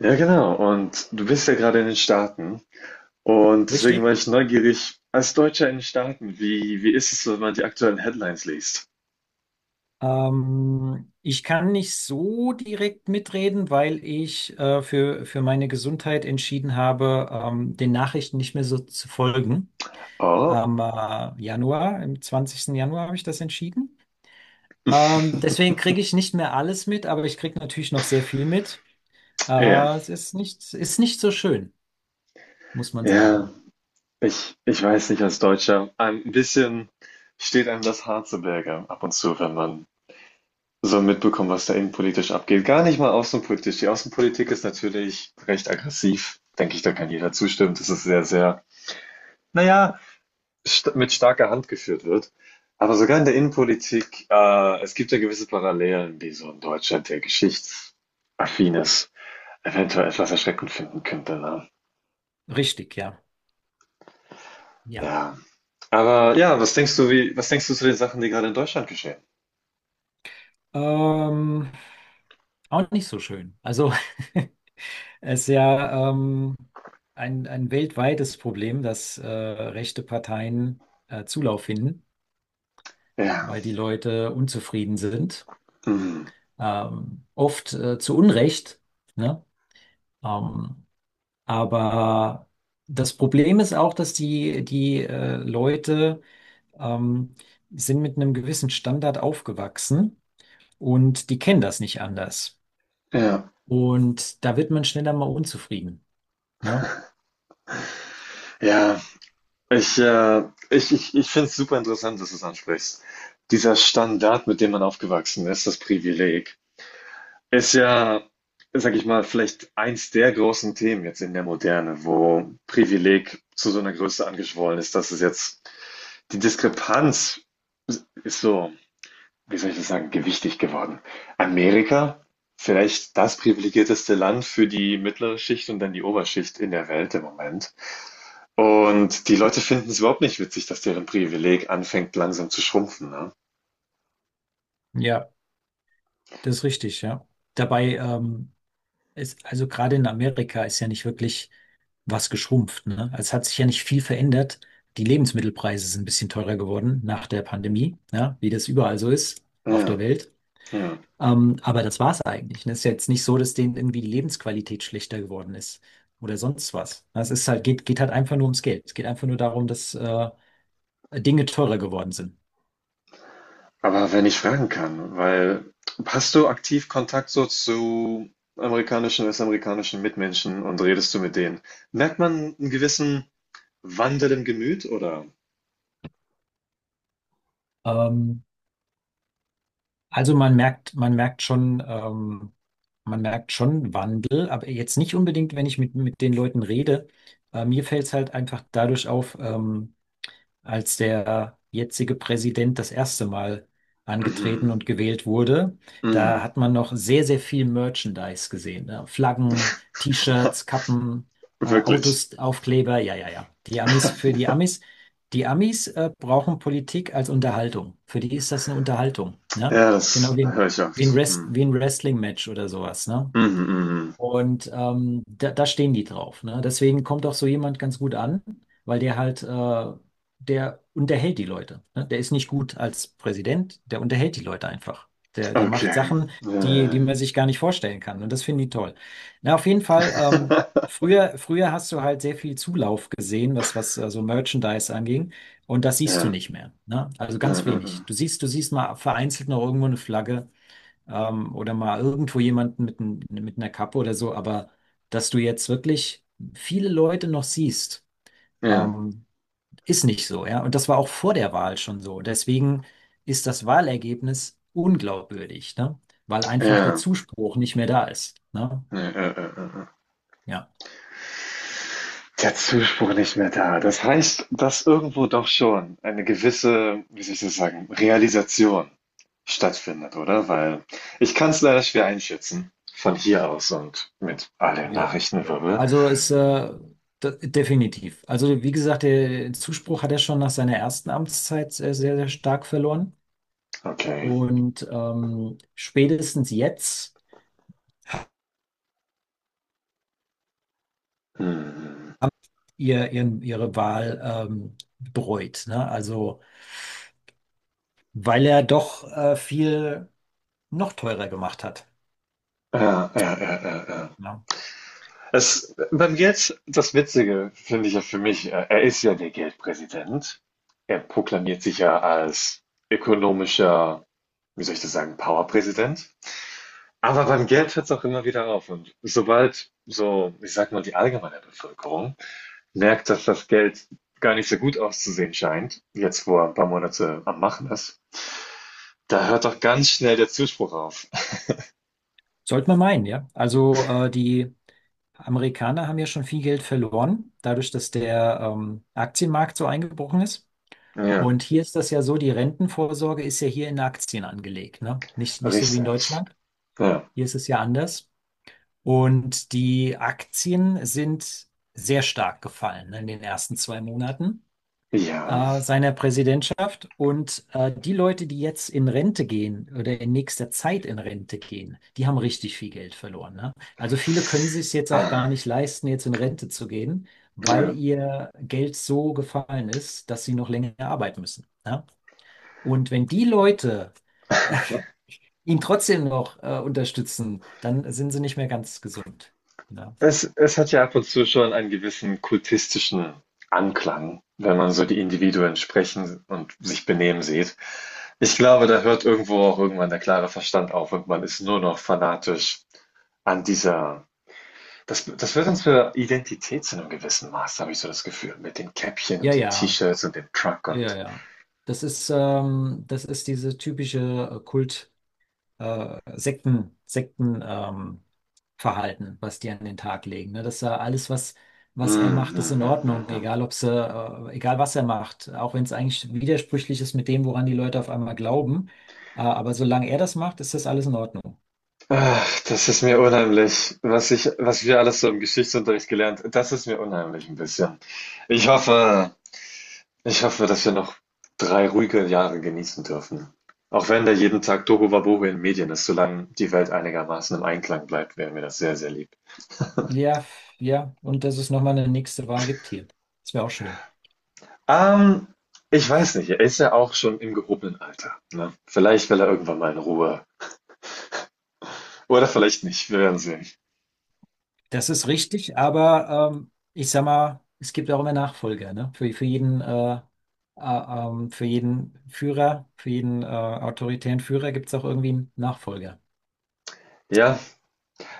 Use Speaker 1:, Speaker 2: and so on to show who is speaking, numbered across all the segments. Speaker 1: Ja, genau. Und du bist ja gerade in den Staaten. Und deswegen
Speaker 2: Richtig.
Speaker 1: war ich neugierig, als Deutscher in den Staaten, wie ist es, so, wenn man die aktuellen Headlines liest?
Speaker 2: Ich kann nicht so direkt mitreden, weil ich für meine Gesundheit entschieden habe, den Nachrichten nicht mehr so zu folgen.
Speaker 1: Oh,
Speaker 2: Am Januar, im zwanzigsten Januar habe ich das entschieden. Deswegen kriege ich nicht mehr alles mit, aber ich kriege natürlich noch sehr viel mit.
Speaker 1: ja.
Speaker 2: Es ist nicht so schön, muss man sagen.
Speaker 1: Ja, ich weiß nicht, als Deutscher, ein bisschen steht einem das Haar zu Berge ab und zu, wenn man so mitbekommt, was da innenpolitisch abgeht. Gar nicht mal außenpolitisch. Die Außenpolitik ist natürlich recht aggressiv. Denke ich, da kann jeder zustimmen. Das ist sehr, sehr, naja, st mit starker Hand geführt wird. Aber sogar in der Innenpolitik, es gibt ja gewisse Parallelen, die so in Deutschland, der geschichtsaffin ist, eventuell etwas erschreckend finden könnte. Ne?
Speaker 2: Richtig, ja. Ja.
Speaker 1: Ja. Aber ja, was denkst du, was denkst du zu den Sachen, die gerade in Deutschland geschehen?
Speaker 2: Ähm, Auch nicht so schön. Also. Es ist ja ein weltweites Problem, dass rechte Parteien Zulauf finden,
Speaker 1: Ja.
Speaker 2: weil die Leute unzufrieden sind.
Speaker 1: Mhm.
Speaker 2: Oft zu Unrecht, ne? Ähm, aber das Problem ist auch, dass die Leute ähm, sind mit einem gewissen Standard aufgewachsen und die kennen das nicht anders.
Speaker 1: Ja.
Speaker 2: Und da wird man schneller mal unzufrieden, ne?
Speaker 1: Ja. Ich, äh, Ich finde es super interessant, dass du es ansprichst. Dieser Standard, mit dem man aufgewachsen ist, das Privileg. Ist ja, sage ich mal, vielleicht eins der großen Themen jetzt in der Moderne, wo Privileg zu so einer Größe angeschwollen ist, dass es jetzt die Diskrepanz ist so, wie soll ich das sagen, gewichtig geworden. Amerika, vielleicht das privilegierteste Land für die mittlere Schicht und dann die Oberschicht in der Welt im Moment. Und die Leute finden es überhaupt nicht witzig, dass deren Privileg anfängt langsam zu schrumpfen, ne?
Speaker 2: Ja. Das ist richtig, ja. Dabei ist, also gerade in Amerika ist ja nicht wirklich was geschrumpft, ne? Also es hat sich ja nicht viel verändert. Die Lebensmittelpreise sind ein bisschen teurer geworden nach der Pandemie, ja, wie das überall so ist auf der
Speaker 1: Ja,
Speaker 2: Welt.
Speaker 1: ja.
Speaker 2: Aber das war's eigentlich, ne? Es ist ja jetzt nicht so, dass denen irgendwie die Lebensqualität schlechter geworden ist oder sonst was. Es ist halt, geht halt einfach nur ums Geld. Es geht einfach nur darum, dass Dinge teurer geworden sind.
Speaker 1: Aber wenn ich fragen kann, weil hast du aktiv Kontakt so zu amerikanischen, westamerikanischen Mitmenschen und redest du mit denen? Merkt man einen gewissen Wandel im Gemüt oder?
Speaker 2: Ähm, Also man merkt schon Wandel, aber jetzt nicht unbedingt, wenn ich mit den Leuten rede. Mir fällt es halt einfach dadurch auf, als der jetzige Präsident das erste Mal
Speaker 1: Mhm,
Speaker 2: angetreten und gewählt wurde. Da
Speaker 1: mhm.
Speaker 2: hat man noch sehr, sehr viel Merchandise gesehen, ne? Flaggen, T-Shirts, Kappen,
Speaker 1: Wirklich.
Speaker 2: Autos, Aufkleber. Ja, ja, ja. Die Amis für die Amis. Die Amis brauchen Politik als Unterhaltung. Für die ist das eine Unterhaltung, ne?
Speaker 1: Ja,
Speaker 2: Genau
Speaker 1: das
Speaker 2: wie,
Speaker 1: höre ich
Speaker 2: wie ein
Speaker 1: oft.
Speaker 2: Rest,
Speaker 1: Hm.
Speaker 2: wie ein Wrestling-Match oder sowas, ne?
Speaker 1: Mhm, mhm, mhm.
Speaker 2: Und da stehen die drauf. Ne? Deswegen kommt auch so jemand ganz gut an, weil der halt, der unterhält die Leute. Ne? Der ist nicht gut als Präsident, der unterhält die Leute einfach. Der macht
Speaker 1: Okay.
Speaker 2: Sachen, die, die
Speaker 1: Ja,
Speaker 2: man sich gar nicht vorstellen kann. Und das finden die toll. Na, auf jeden Fall, früher hast du halt sehr viel Zulauf gesehen, was so Merchandise anging. Und das
Speaker 1: ja,
Speaker 2: siehst du
Speaker 1: ja.
Speaker 2: nicht mehr. Ne? Also
Speaker 1: Ja,
Speaker 2: ganz
Speaker 1: ja,
Speaker 2: wenig.
Speaker 1: ja.
Speaker 2: Du siehst mal vereinzelt noch irgendwo eine Flagge oder mal irgendwo jemanden mit, mit einer Kappe oder so, aber dass du jetzt wirklich viele Leute noch siehst,
Speaker 1: Ja,
Speaker 2: ähm, ist nicht so, ja. Und das war auch vor der Wahl schon so. Deswegen ist das Wahlergebnis unglaubwürdig, ne? Weil einfach der
Speaker 1: ja.
Speaker 2: Zuspruch nicht mehr da ist, ne?
Speaker 1: Ja, ja, ja, ja, ja, ja.
Speaker 2: Ja.
Speaker 1: Der Zuspruch nicht mehr da. Das heißt, dass irgendwo doch schon eine gewisse, wie soll ich das sagen, Realisation stattfindet, oder? Weil ich kann es leider schwer einschätzen von hier aus und mit all dem
Speaker 2: Jo, jo.
Speaker 1: Nachrichtenwirbel.
Speaker 2: Also ist definitiv. Also wie gesagt, der Zuspruch hat er schon nach seiner ersten Amtszeit sehr, sehr, sehr stark verloren.
Speaker 1: Okay.
Speaker 2: Und spätestens jetzt
Speaker 1: Hm.
Speaker 2: haben ihre Wahl bereut. Ne? Also, weil er doch viel noch teurer gemacht hat.
Speaker 1: Ja, ja, ja, ja, ja.
Speaker 2: Ja.
Speaker 1: Es, beim Jetzt, das Witzige finde ich ja für mich, er ist ja der Geldpräsident. Er proklamiert sich ja als ökonomischer wie soll ich das sagen, Powerpräsident. Aber beim Geld hört es auch immer wieder auf. Und sobald so, ich sag mal, die allgemeine Bevölkerung merkt, dass das Geld gar nicht so gut auszusehen scheint, jetzt wo er ein paar Monate am Machen ist, da hört doch ganz schnell der Zuspruch auf.
Speaker 2: Sollte man meinen, ja. Also, die Amerikaner haben ja schon viel Geld verloren, dadurch, dass der Aktienmarkt so eingebrochen ist.
Speaker 1: Ja,
Speaker 2: Und hier ist das ja so, die Rentenvorsorge ist ja hier in Aktien angelegt, ne? Nicht so wie in
Speaker 1: richtig.
Speaker 2: Deutschland.
Speaker 1: Ja.
Speaker 2: Hier ist es ja anders. Und die Aktien sind sehr stark gefallen, ne, in den ersten zwei Monaten.
Speaker 1: Ja.
Speaker 2: Seiner Präsidentschaft. Und die Leute, die jetzt in Rente gehen oder in nächster Zeit in Rente gehen, die haben richtig viel Geld verloren. Ne? Also viele können sich es jetzt auch
Speaker 1: Ah.
Speaker 2: gar nicht leisten, jetzt in Rente zu gehen, weil
Speaker 1: Ja.
Speaker 2: ihr Geld so gefallen ist, dass sie noch länger arbeiten müssen. Ne? Und wenn die Leute äh, ihn trotzdem noch unterstützen, dann sind sie nicht mehr ganz gesund. Ne?
Speaker 1: Es hat ja ab und zu schon einen gewissen kultistischen Anklang, wenn man so die Individuen sprechen und sich benehmen sieht. Ich glaube, da hört irgendwo auch irgendwann der klare Verstand auf und man ist nur noch fanatisch an dieser das wird uns für Identität zu 'nem gewissen Maß, habe ich so das Gefühl, mit den Käppchen
Speaker 2: Ja,
Speaker 1: und den
Speaker 2: ja,
Speaker 1: T-Shirts und dem Truck
Speaker 2: ja, ja,
Speaker 1: und
Speaker 2: ja. Das ist diese typische Kult, Sekten, Verhalten, was die an den Tag legen. Ne? Dass er alles, was er
Speaker 1: mhm,
Speaker 2: macht, ist in
Speaker 1: mhm,
Speaker 2: Ordnung,
Speaker 1: mhm.
Speaker 2: egal ob sie, egal was er macht, auch wenn es eigentlich widersprüchlich ist mit dem, woran die Leute auf einmal glauben. Aber solange er das macht, ist das alles in Ordnung.
Speaker 1: Ach, das ist mir unheimlich, was ich was wir alles so im Geschichtsunterricht gelernt das ist mir unheimlich ein bisschen. Ich hoffe Ich hoffe, dass wir noch 3 ruhige Jahre genießen dürfen. Auch wenn da jeden Tag Tohuwabohu in den Medien ist, solange die Welt einigermaßen im Einklang bleibt, wäre mir das sehr, sehr lieb.
Speaker 2: Ja, ja, und dass es nochmal eine nächste Wahl gibt hier. Das wäre auch schön.
Speaker 1: Ähm, Ich weiß nicht, er ist ja auch schon im gehobenen Alter. Ne? Vielleicht will er irgendwann mal in Ruhe. Oder vielleicht nicht, wir werden sehen.
Speaker 2: Das ist richtig, aber ich sag mal, es gibt auch immer Nachfolger, ne? Für jeden, für jeden Führer, für jeden autoritären Führer gibt es auch irgendwie einen Nachfolger.
Speaker 1: Ja,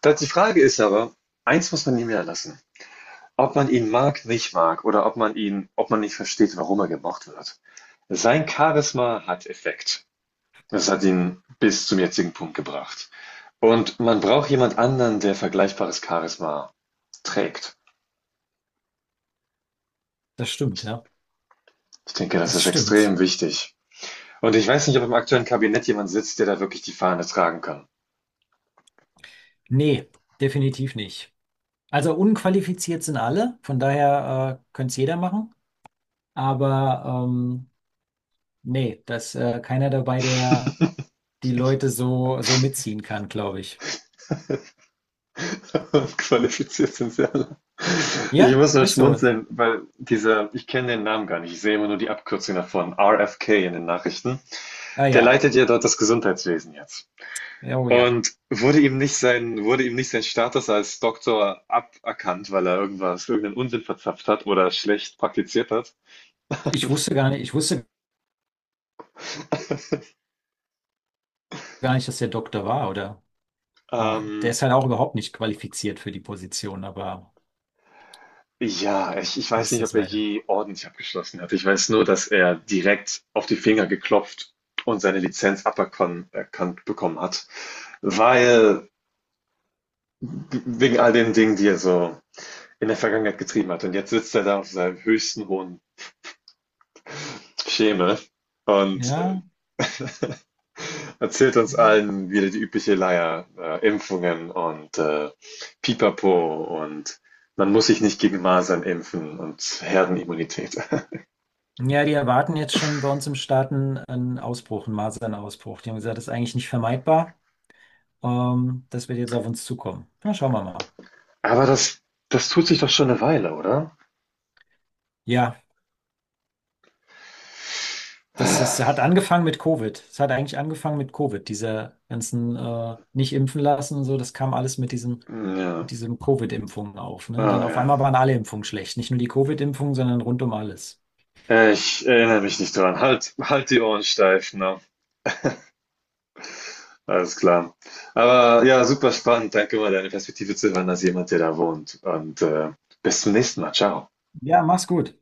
Speaker 1: das die Frage ist aber, eins muss man ihm ja lassen. Ob man ihn mag, nicht mag, oder ob man ihn, ob man nicht versteht, warum er gemocht wird. Sein Charisma hat Effekt. Das hat ihn bis zum jetzigen Punkt gebracht. Und man braucht jemand anderen, der vergleichbares Charisma trägt.
Speaker 2: Das stimmt, ja.
Speaker 1: Ich denke, das
Speaker 2: Das
Speaker 1: ist
Speaker 2: stimmt.
Speaker 1: extrem wichtig. Und ich weiß nicht, ob im aktuellen Kabinett jemand sitzt, der da wirklich die Fahne tragen kann.
Speaker 2: Nee, definitiv nicht. Also unqualifiziert sind alle, von daher könnte es jeder machen. Aber nee, dass keiner dabei, der die Leute so mitziehen kann, glaube ich.
Speaker 1: Qualifiziert sind sie alle. Ich
Speaker 2: Ja,
Speaker 1: muss nur
Speaker 2: ist so.
Speaker 1: schmunzeln, weil dieser, ich kenne den Namen gar nicht, ich sehe immer nur die Abkürzung davon, RFK in den Nachrichten.
Speaker 2: Ah
Speaker 1: Der
Speaker 2: ja.
Speaker 1: leitet ja dort das Gesundheitswesen jetzt.
Speaker 2: Ja, oh ja.
Speaker 1: Und wurde ihm nicht sein, wurde ihm nicht sein Status als Doktor aberkannt, weil er irgendwas, irgendeinen Unsinn verzapft hat oder schlecht praktiziert hat.
Speaker 2: Ich wusste gar nicht, dass der Doktor war, oder? Ah, der
Speaker 1: Ähm,
Speaker 2: ist halt auch überhaupt nicht qualifiziert für die Position, aber
Speaker 1: ja, ich
Speaker 2: so
Speaker 1: weiß
Speaker 2: ist
Speaker 1: nicht,
Speaker 2: das
Speaker 1: ob er
Speaker 2: leider.
Speaker 1: je ordentlich abgeschlossen hat. Ich weiß nur, dass er direkt auf die Finger geklopft und seine Lizenz aberkannt bekommen hat, weil wegen all den Dingen, die er so in der Vergangenheit getrieben hat. Und jetzt sitzt er da auf seinem höchsten hohen Schemel und
Speaker 2: Ja,
Speaker 1: erzählt uns
Speaker 2: ja.
Speaker 1: allen wieder die übliche Leier, Impfungen und Pipapo und man muss sich nicht gegen Masern impfen und Herdenimmunität.
Speaker 2: Ja, die erwarten jetzt schon bei uns im Staaten einen einen Ausbruch, einen Masernausbruch. Die haben gesagt, das ist eigentlich nicht vermeidbar. Das wird jetzt auf uns zukommen. Na, schauen wir mal.
Speaker 1: Aber das, das tut sich doch schon eine Weile, oder?
Speaker 2: Ja. Hat angefangen mit Covid. Es hat eigentlich angefangen mit Covid. Diese ganzen nicht impfen lassen und so, das kam alles mit
Speaker 1: Ja,
Speaker 2: diesem Covid-Impfungen auf. Ne? Dann
Speaker 1: oh
Speaker 2: auf
Speaker 1: ja.
Speaker 2: einmal waren alle Impfungen schlecht. Nicht nur die Covid-Impfung, sondern rund um alles.
Speaker 1: Ich erinnere mich nicht dran. Halt, halt die Ohren steif, ne? Alles klar. Aber ja, super spannend. Danke mal, deine Perspektive zu hören als jemand, der da wohnt. Und bis zum nächsten Mal. Ciao.
Speaker 2: Ja, mach's gut.